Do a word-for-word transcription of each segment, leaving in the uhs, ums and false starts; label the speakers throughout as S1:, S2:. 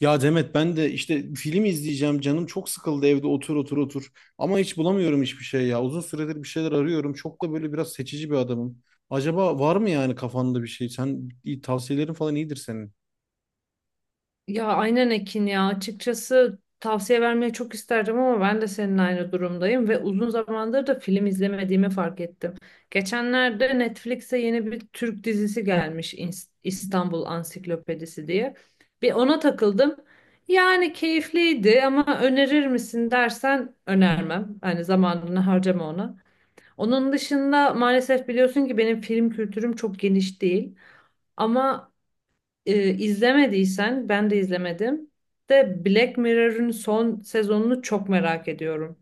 S1: Ya Demet, ben de işte film izleyeceğim, canım çok sıkıldı evde. Otur otur otur, ama hiç bulamıyorum hiçbir şey ya. Uzun süredir bir şeyler arıyorum. Çok da böyle biraz seçici bir adamım. Acaba var mı yani kafanda bir şey? Sen iyi- tavsiyelerin falan iyidir senin.
S2: Ya aynen Ekin ya açıkçası tavsiye vermeyi çok isterdim ama ben de senin aynı durumdayım ve uzun zamandır da film izlemediğimi fark ettim. Geçenlerde Netflix'e yeni bir Türk dizisi gelmiş, İns- İstanbul Ansiklopedisi diye. Bir ona takıldım. Yani keyifliydi ama önerir misin dersen önermem. Hani zamanını harcama ona. Onun dışında maalesef biliyorsun ki benim film kültürüm çok geniş değil. Ama e, izlemediysen ben de izlemedim. De Black Mirror'ın son sezonunu çok merak ediyorum.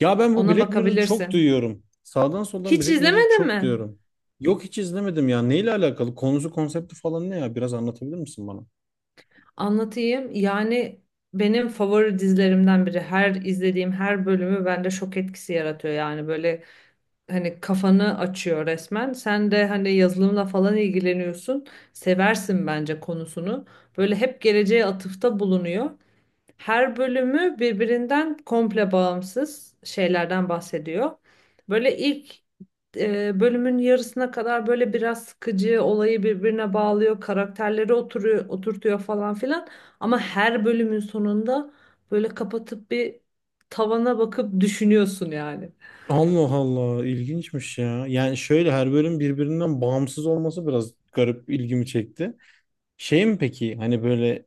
S1: Ya ben bu
S2: Ona
S1: Black Mirror'ı çok
S2: bakabilirsin.
S1: duyuyorum. Sağdan soldan
S2: Hiç
S1: Black Mirror'ı
S2: izlemedin
S1: çok
S2: mi?
S1: duyuyorum. Yok, hiç izlemedim ya. Neyle alakalı? Konusu, konsepti falan ne ya? Biraz anlatabilir misin bana?
S2: Anlatayım. Yani benim favori dizilerimden biri. Her izlediğim her bölümü bende şok etkisi yaratıyor. Yani böyle hani kafanı açıyor resmen. Sen de hani yazılımla falan ilgileniyorsun. Seversin bence konusunu. Böyle hep geleceğe atıfta bulunuyor. Her bölümü birbirinden komple bağımsız şeylerden bahsediyor. Böyle ilk e, bölümün yarısına kadar böyle biraz sıkıcı olayı birbirine bağlıyor, karakterleri oturuyor, oturtuyor falan filan. Ama her bölümün sonunda böyle kapatıp bir tavana bakıp düşünüyorsun yani.
S1: Allah Allah, ilginçmiş ya. Yani şöyle, her bölüm birbirinden bağımsız olması biraz garip, ilgimi çekti. Şey mi peki, hani böyle,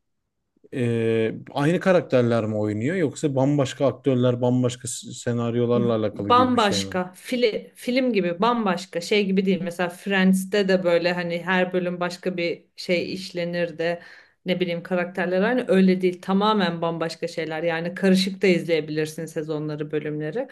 S1: e, aynı karakterler mi oynuyor, yoksa bambaşka aktörler, bambaşka s- senaryolarla alakalı gibi bir şey mi?
S2: Bambaşka fili, film gibi, bambaşka şey gibi değil. Mesela Friends'te de böyle hani her bölüm başka bir şey işlenir de ne bileyim, karakterler aynı. Öyle değil, tamamen bambaşka şeyler. Yani karışık da izleyebilirsin sezonları bölümleri,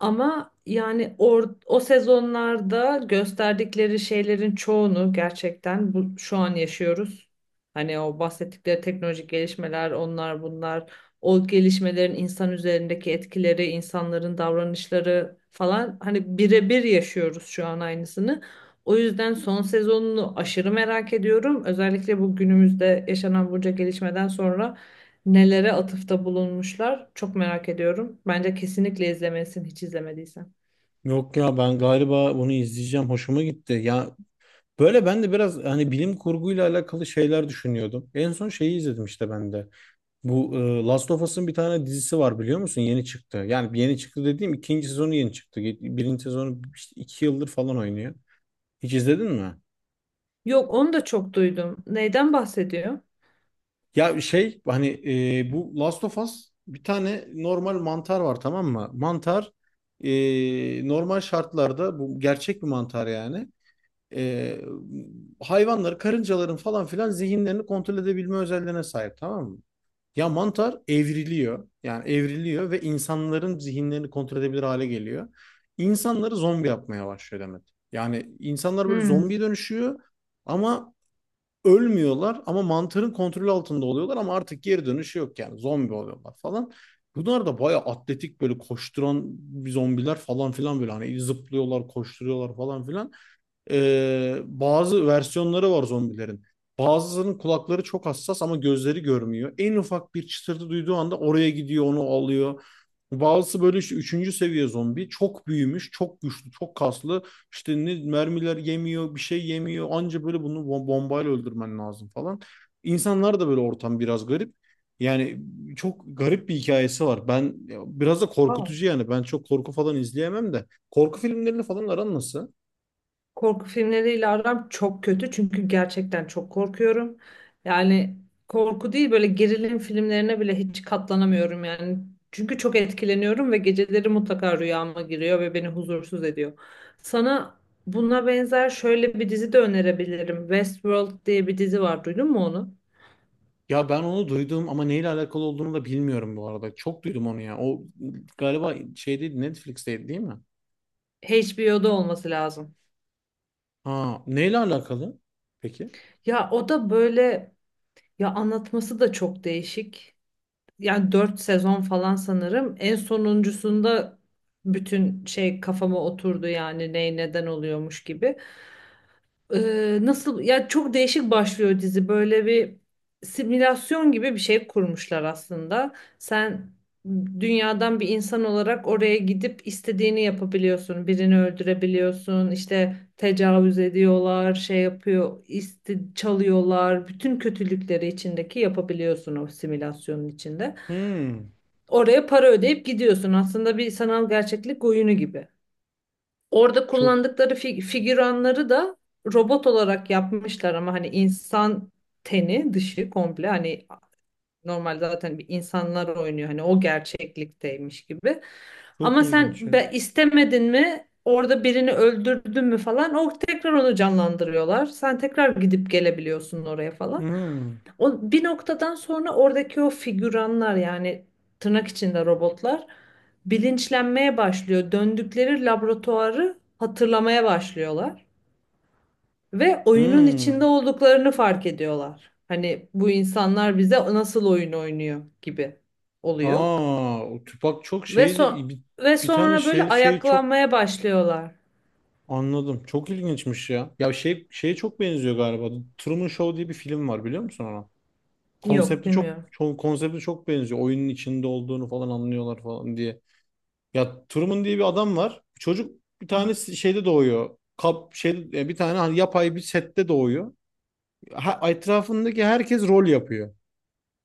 S2: ama yani or, o sezonlarda gösterdikleri şeylerin çoğunu gerçekten bu, şu an yaşıyoruz. Hani o bahsettikleri teknolojik gelişmeler, onlar bunlar, o gelişmelerin insan üzerindeki etkileri, insanların davranışları falan, hani birebir yaşıyoruz şu an aynısını. O yüzden son sezonunu aşırı merak ediyorum. Özellikle bu günümüzde yaşanan bunca gelişmeden sonra nelere atıfta bulunmuşlar çok merak ediyorum. Bence kesinlikle izlemelisin hiç izlemediysen.
S1: Yok ya, ben galiba bunu izleyeceğim, hoşuma gitti. Ya böyle, ben de biraz hani bilim kurguyla alakalı şeyler düşünüyordum. En son şeyi izledim işte ben de. Bu, e, Last of Us'ın bir tane dizisi var, biliyor musun? Yeni çıktı. Yani yeni çıktı dediğim, ikinci sezonu yeni çıktı. Birinci sezonu işte iki yıldır falan oynuyor. Hiç izledin mi?
S2: Yok, onu da çok duydum. Neyden bahsediyor?
S1: Ya şey, hani, e, bu Last of Us, bir tane normal mantar var, tamam mı? Mantar, e, normal şartlarda bu gerçek bir mantar yani. E, Hayvanları, karıncaların falan filan zihinlerini kontrol edebilme özelliğine sahip, tamam mı? Ya mantar evriliyor. Yani evriliyor ve insanların zihinlerini kontrol edebilir hale geliyor. İnsanları zombi yapmaya başlıyor demek. Yani insanlar böyle
S2: Hmm.
S1: zombiye dönüşüyor, ama ölmüyorlar, ama mantarın kontrolü altında oluyorlar, ama artık geri dönüşü yok, yani zombi oluyorlar falan. Bunlar da bayağı atletik, böyle koşturan zombiler falan filan, böyle hani zıplıyorlar, koşturuyorlar falan filan. Ee, bazı versiyonları var zombilerin. Bazılarının kulakları çok hassas, ama gözleri görmüyor. En ufak bir çıtırtı duyduğu anda oraya gidiyor, onu alıyor. Bazısı böyle işte üçüncü seviye zombi. Çok büyümüş, çok güçlü, çok kaslı. İşte ne mermiler yemiyor, bir şey yemiyor. Anca böyle bunu bom- bombayla öldürmen lazım falan. İnsanlar da böyle, ortam biraz garip. Yani çok garip bir hikayesi var. Ben, biraz da
S2: Aa.
S1: korkutucu yani. Ben çok korku falan izleyemem de. Korku filmlerini falan aran nasıl?
S2: Korku filmleriyle aram çok kötü çünkü gerçekten çok korkuyorum. Yani korku değil, böyle gerilim filmlerine bile hiç katlanamıyorum yani. Çünkü çok etkileniyorum ve geceleri mutlaka rüyama giriyor ve beni huzursuz ediyor. Sana buna benzer şöyle bir dizi de önerebilirim. Westworld diye bir dizi var. Duydun mu onu?
S1: Ya ben onu duydum, ama neyle alakalı olduğunu da bilmiyorum bu arada. Çok duydum onu ya. O galiba şeydeydi, Netflix'teydi değil mi?
S2: H B O'da olması lazım.
S1: Ha, neyle alakalı? Peki.
S2: Ya o da böyle, ya anlatması da çok değişik. Yani dört sezon falan sanırım. En sonuncusunda bütün şey kafama oturdu, yani ne neden oluyormuş gibi. Ee, nasıl ya, çok değişik başlıyor dizi. Böyle bir simülasyon gibi bir şey kurmuşlar aslında. Sen dünyadan bir insan olarak oraya gidip istediğini yapabiliyorsun. Birini öldürebiliyorsun. İşte tecavüz ediyorlar, şey yapıyor, isti çalıyorlar. Bütün kötülükleri içindeki yapabiliyorsun o simülasyonun içinde.
S1: Hmm,
S2: Oraya para ödeyip gidiyorsun. Aslında bir sanal gerçeklik oyunu gibi. Orada
S1: çok
S2: kullandıkları fi- figüranları da robot olarak yapmışlar, ama hani insan teni dışı komple hani normal, zaten bir insanlar oynuyor hani o gerçeklikteymiş gibi.
S1: çok
S2: Ama
S1: ilginç
S2: sen
S1: ya.
S2: be, istemedin mi, orada birini öldürdün mü falan, o tekrar onu canlandırıyorlar. Sen tekrar gidip gelebiliyorsun oraya falan.
S1: Hmm,
S2: O bir noktadan sonra oradaki o figüranlar, yani tırnak içinde robotlar, bilinçlenmeye başlıyor. Döndükleri laboratuvarı hatırlamaya başlıyorlar ve oyunun içinde
S1: hmm.
S2: olduklarını fark ediyorlar. Hani bu insanlar bize nasıl oyun oynuyor gibi oluyor.
S1: Aa, o Tupac çok
S2: Ve son
S1: şeydi. Bir,
S2: Ve
S1: bir tane
S2: sonra böyle
S1: şey şey çok
S2: ayaklanmaya başlıyorlar.
S1: anladım. Çok ilginçmiş ya. Ya şey, şeye çok benziyor galiba. The Truman Show diye bir film var, biliyor musun onu?
S2: Yok,
S1: Konsepti çok
S2: bilmiyorum.
S1: çok, konsepti çok benziyor. Oyunun içinde olduğunu falan anlıyorlar falan diye. Ya Truman diye bir adam var. Çocuk bir tane si-, şeyde doğuyor. Kap şey e, bir tane hani yapay bir sette doğuyor. Ha, etrafındaki herkes rol yapıyor.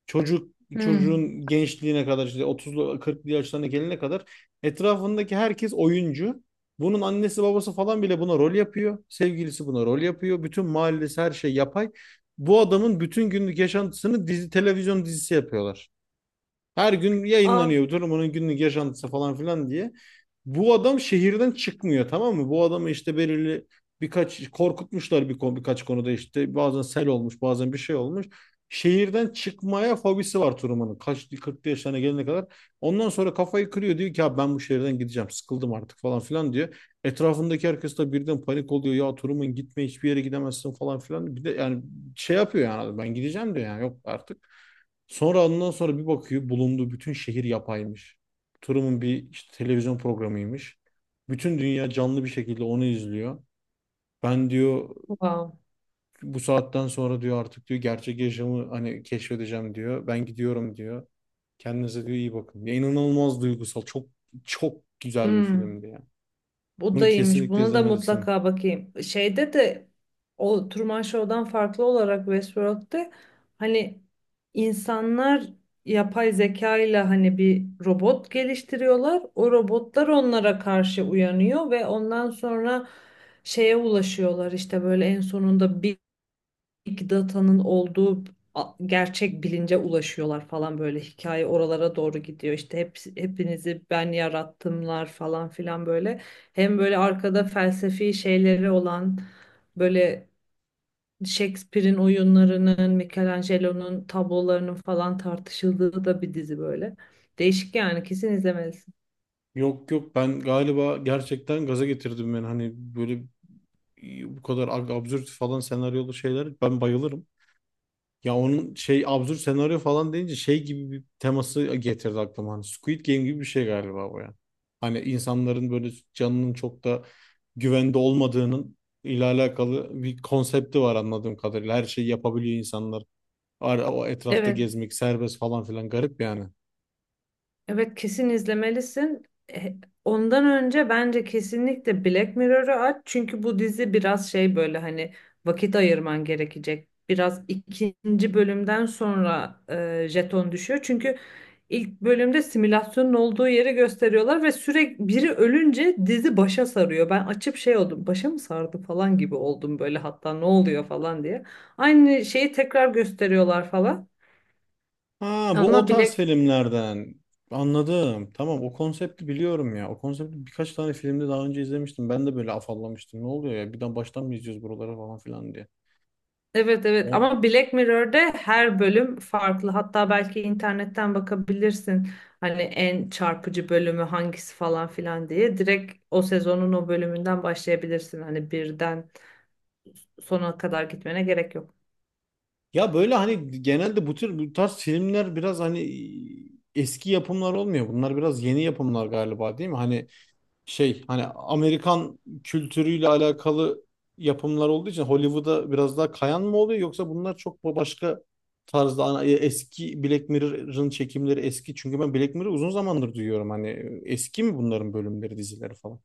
S1: Çocuk
S2: Hmm.
S1: çocuğun gençliğine kadar, işte otuzlu kırklı yaşlarına gelene kadar, etrafındaki herkes oyuncu. Bunun annesi babası falan bile buna rol yapıyor. Sevgilisi buna rol yapıyor. Bütün mahallesi, her şey yapay. Bu adamın bütün günlük yaşantısını dizi, televizyon dizisi yapıyorlar. Her gün
S2: Ah,
S1: yayınlanıyor durumunun günlük yaşantısı falan filan diye. Bu adam şehirden çıkmıyor, tamam mı? Bu adamı işte belirli birkaç korkutmuşlar, bir konu, birkaç konuda işte bazen sel olmuş, bazen bir şey olmuş. Şehirden çıkmaya fobisi var Truman'ın. Kaç kırk yaşlarına gelene kadar. Ondan sonra kafayı kırıyor, diyor ki ya ben bu şehirden gideceğim. Sıkıldım artık falan filan diyor. Etrafındaki herkes de birden panik oluyor. Ya Truman gitme, hiçbir yere gidemezsin falan filan. Bir de yani şey yapıyor, yani ben gideceğim diyor, yani yok artık. Sonra ondan sonra bir bakıyor, bulunduğu bütün şehir yapaymış. Truman bir işte televizyon programıymış. Bütün dünya canlı bir şekilde onu izliyor. Ben diyor,
S2: wow.
S1: bu saatten sonra diyor, artık diyor, gerçek yaşamı hani keşfedeceğim diyor. Ben gidiyorum diyor. Kendinize diyor iyi bakın. Ya inanılmaz duygusal. Çok çok güzel bir
S2: Hmm.
S1: filmdi ya.
S2: Bu
S1: Bunu
S2: da iyiymiş.
S1: kesinlikle
S2: Buna da
S1: izlemelisin.
S2: mutlaka bakayım. Şeyde de o Truman Show'dan farklı olarak Westworld'de hani insanlar yapay zeka ile hani bir robot geliştiriyorlar. O robotlar onlara karşı uyanıyor ve ondan sonra şeye ulaşıyorlar, işte böyle en sonunda big data'nın olduğu a- gerçek bilince ulaşıyorlar falan, böyle hikaye oralara doğru gidiyor. İşte hep, hepinizi ben yarattımlar falan filan böyle. Hem böyle arkada felsefi şeyleri olan, böyle Shakespeare'in oyunlarının, Michelangelo'nun tablolarının falan tartışıldığı da bir dizi böyle. Değişik yani, kesin izlemelisin.
S1: Yok yok, ben galiba gerçekten gaza getirdim, ben hani böyle bu kadar ab- absürt falan senaryolu şeyler ben bayılırım. Ya onun şey, absürt senaryo falan deyince şey gibi bir teması getirdi aklıma. Hani Squid Game gibi bir şey galiba bu yani. Hani insanların böyle canının çok da güvende olmadığının ile alakalı bir konsepti var anladığım kadarıyla. Her şeyi yapabiliyor insanlar. Ara, o etrafta
S2: Evet.
S1: gezmek serbest falan filan, garip yani.
S2: Evet, kesin izlemelisin. E, Ondan önce bence kesinlikle Black Mirror'ı aç. Çünkü bu dizi biraz şey, böyle hani vakit ayırman gerekecek. Biraz ikinci bölümden sonra e, jeton düşüyor. Çünkü ilk bölümde simülasyonun olduğu yeri gösteriyorlar ve sürekli biri ölünce dizi başa sarıyor. Ben açıp şey oldum. Başa mı sardı falan gibi oldum böyle, hatta ne oluyor falan diye. Aynı şeyi tekrar gösteriyorlar falan.
S1: Ha, bu
S2: Ama
S1: o tarz
S2: Black
S1: filmlerden. Anladım. Tamam, o konsepti biliyorum ya. O konsepti birkaç tane filmde daha önce izlemiştim. Ben de böyle afallamıştım. Ne oluyor ya? Birden baştan mı izliyoruz buraları falan filan diye.
S2: Evet, evet,
S1: O,
S2: ama Black Mirror'de her bölüm farklı. Hatta belki internetten bakabilirsin. Hani en çarpıcı bölümü hangisi falan filan diye. Direkt o sezonun o bölümünden başlayabilirsin. Hani birden sona kadar gitmene gerek yok.
S1: ya böyle hani genelde bu tür bu tarz filmler biraz hani eski yapımlar olmuyor. Bunlar biraz yeni yapımlar galiba, değil mi? Hani şey, hani Amerikan kültürüyle alakalı yapımlar olduğu için Hollywood'a biraz daha kayan mı oluyor, yoksa bunlar çok başka tarzda ana- e, eski Black Mirror'ın çekimleri eski, çünkü ben Black Mirror'ı uzun zamandır duyuyorum, hani eski mi bunların bölümleri, dizileri falan?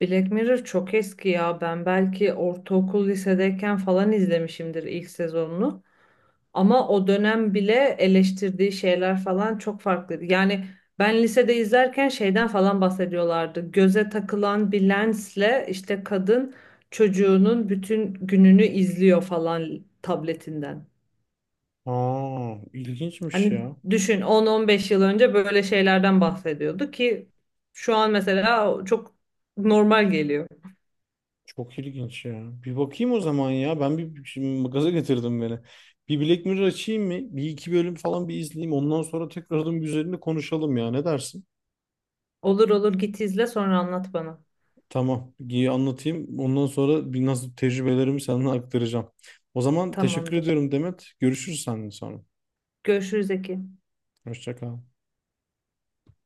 S2: Black Mirror çok eski ya. Ben belki ortaokul lisedeyken falan izlemişimdir ilk sezonunu. Ama o dönem bile eleştirdiği şeyler falan çok farklıydı. Yani ben lisede izlerken şeyden falan bahsediyorlardı. Göze takılan bir lensle işte kadın çocuğunun bütün gününü izliyor falan tabletinden.
S1: Aa, ilginçmiş
S2: Hani
S1: ya.
S2: düşün, on on beş yıl önce böyle şeylerden bahsediyordu ki şu an mesela çok normal geliyor.
S1: Çok ilginç ya. Bir bakayım o zaman ya. Ben bir, şimdi gaza getirdim beni. Bir Black Mirror açayım mı? Bir iki bölüm falan bir izleyeyim. Ondan sonra tekrardan bir üzerinde konuşalım ya. Ne dersin?
S2: Olur olur, git izle sonra anlat bana.
S1: Tamam. İyi, anlatayım. Ondan sonra bir nasıl, tecrübelerimi sana aktaracağım. O zaman teşekkür
S2: Tamamdır.
S1: ediyorum Demet. Görüşürüz seninle sonra.
S2: Görüşürüz Eki.
S1: Hoşça kal.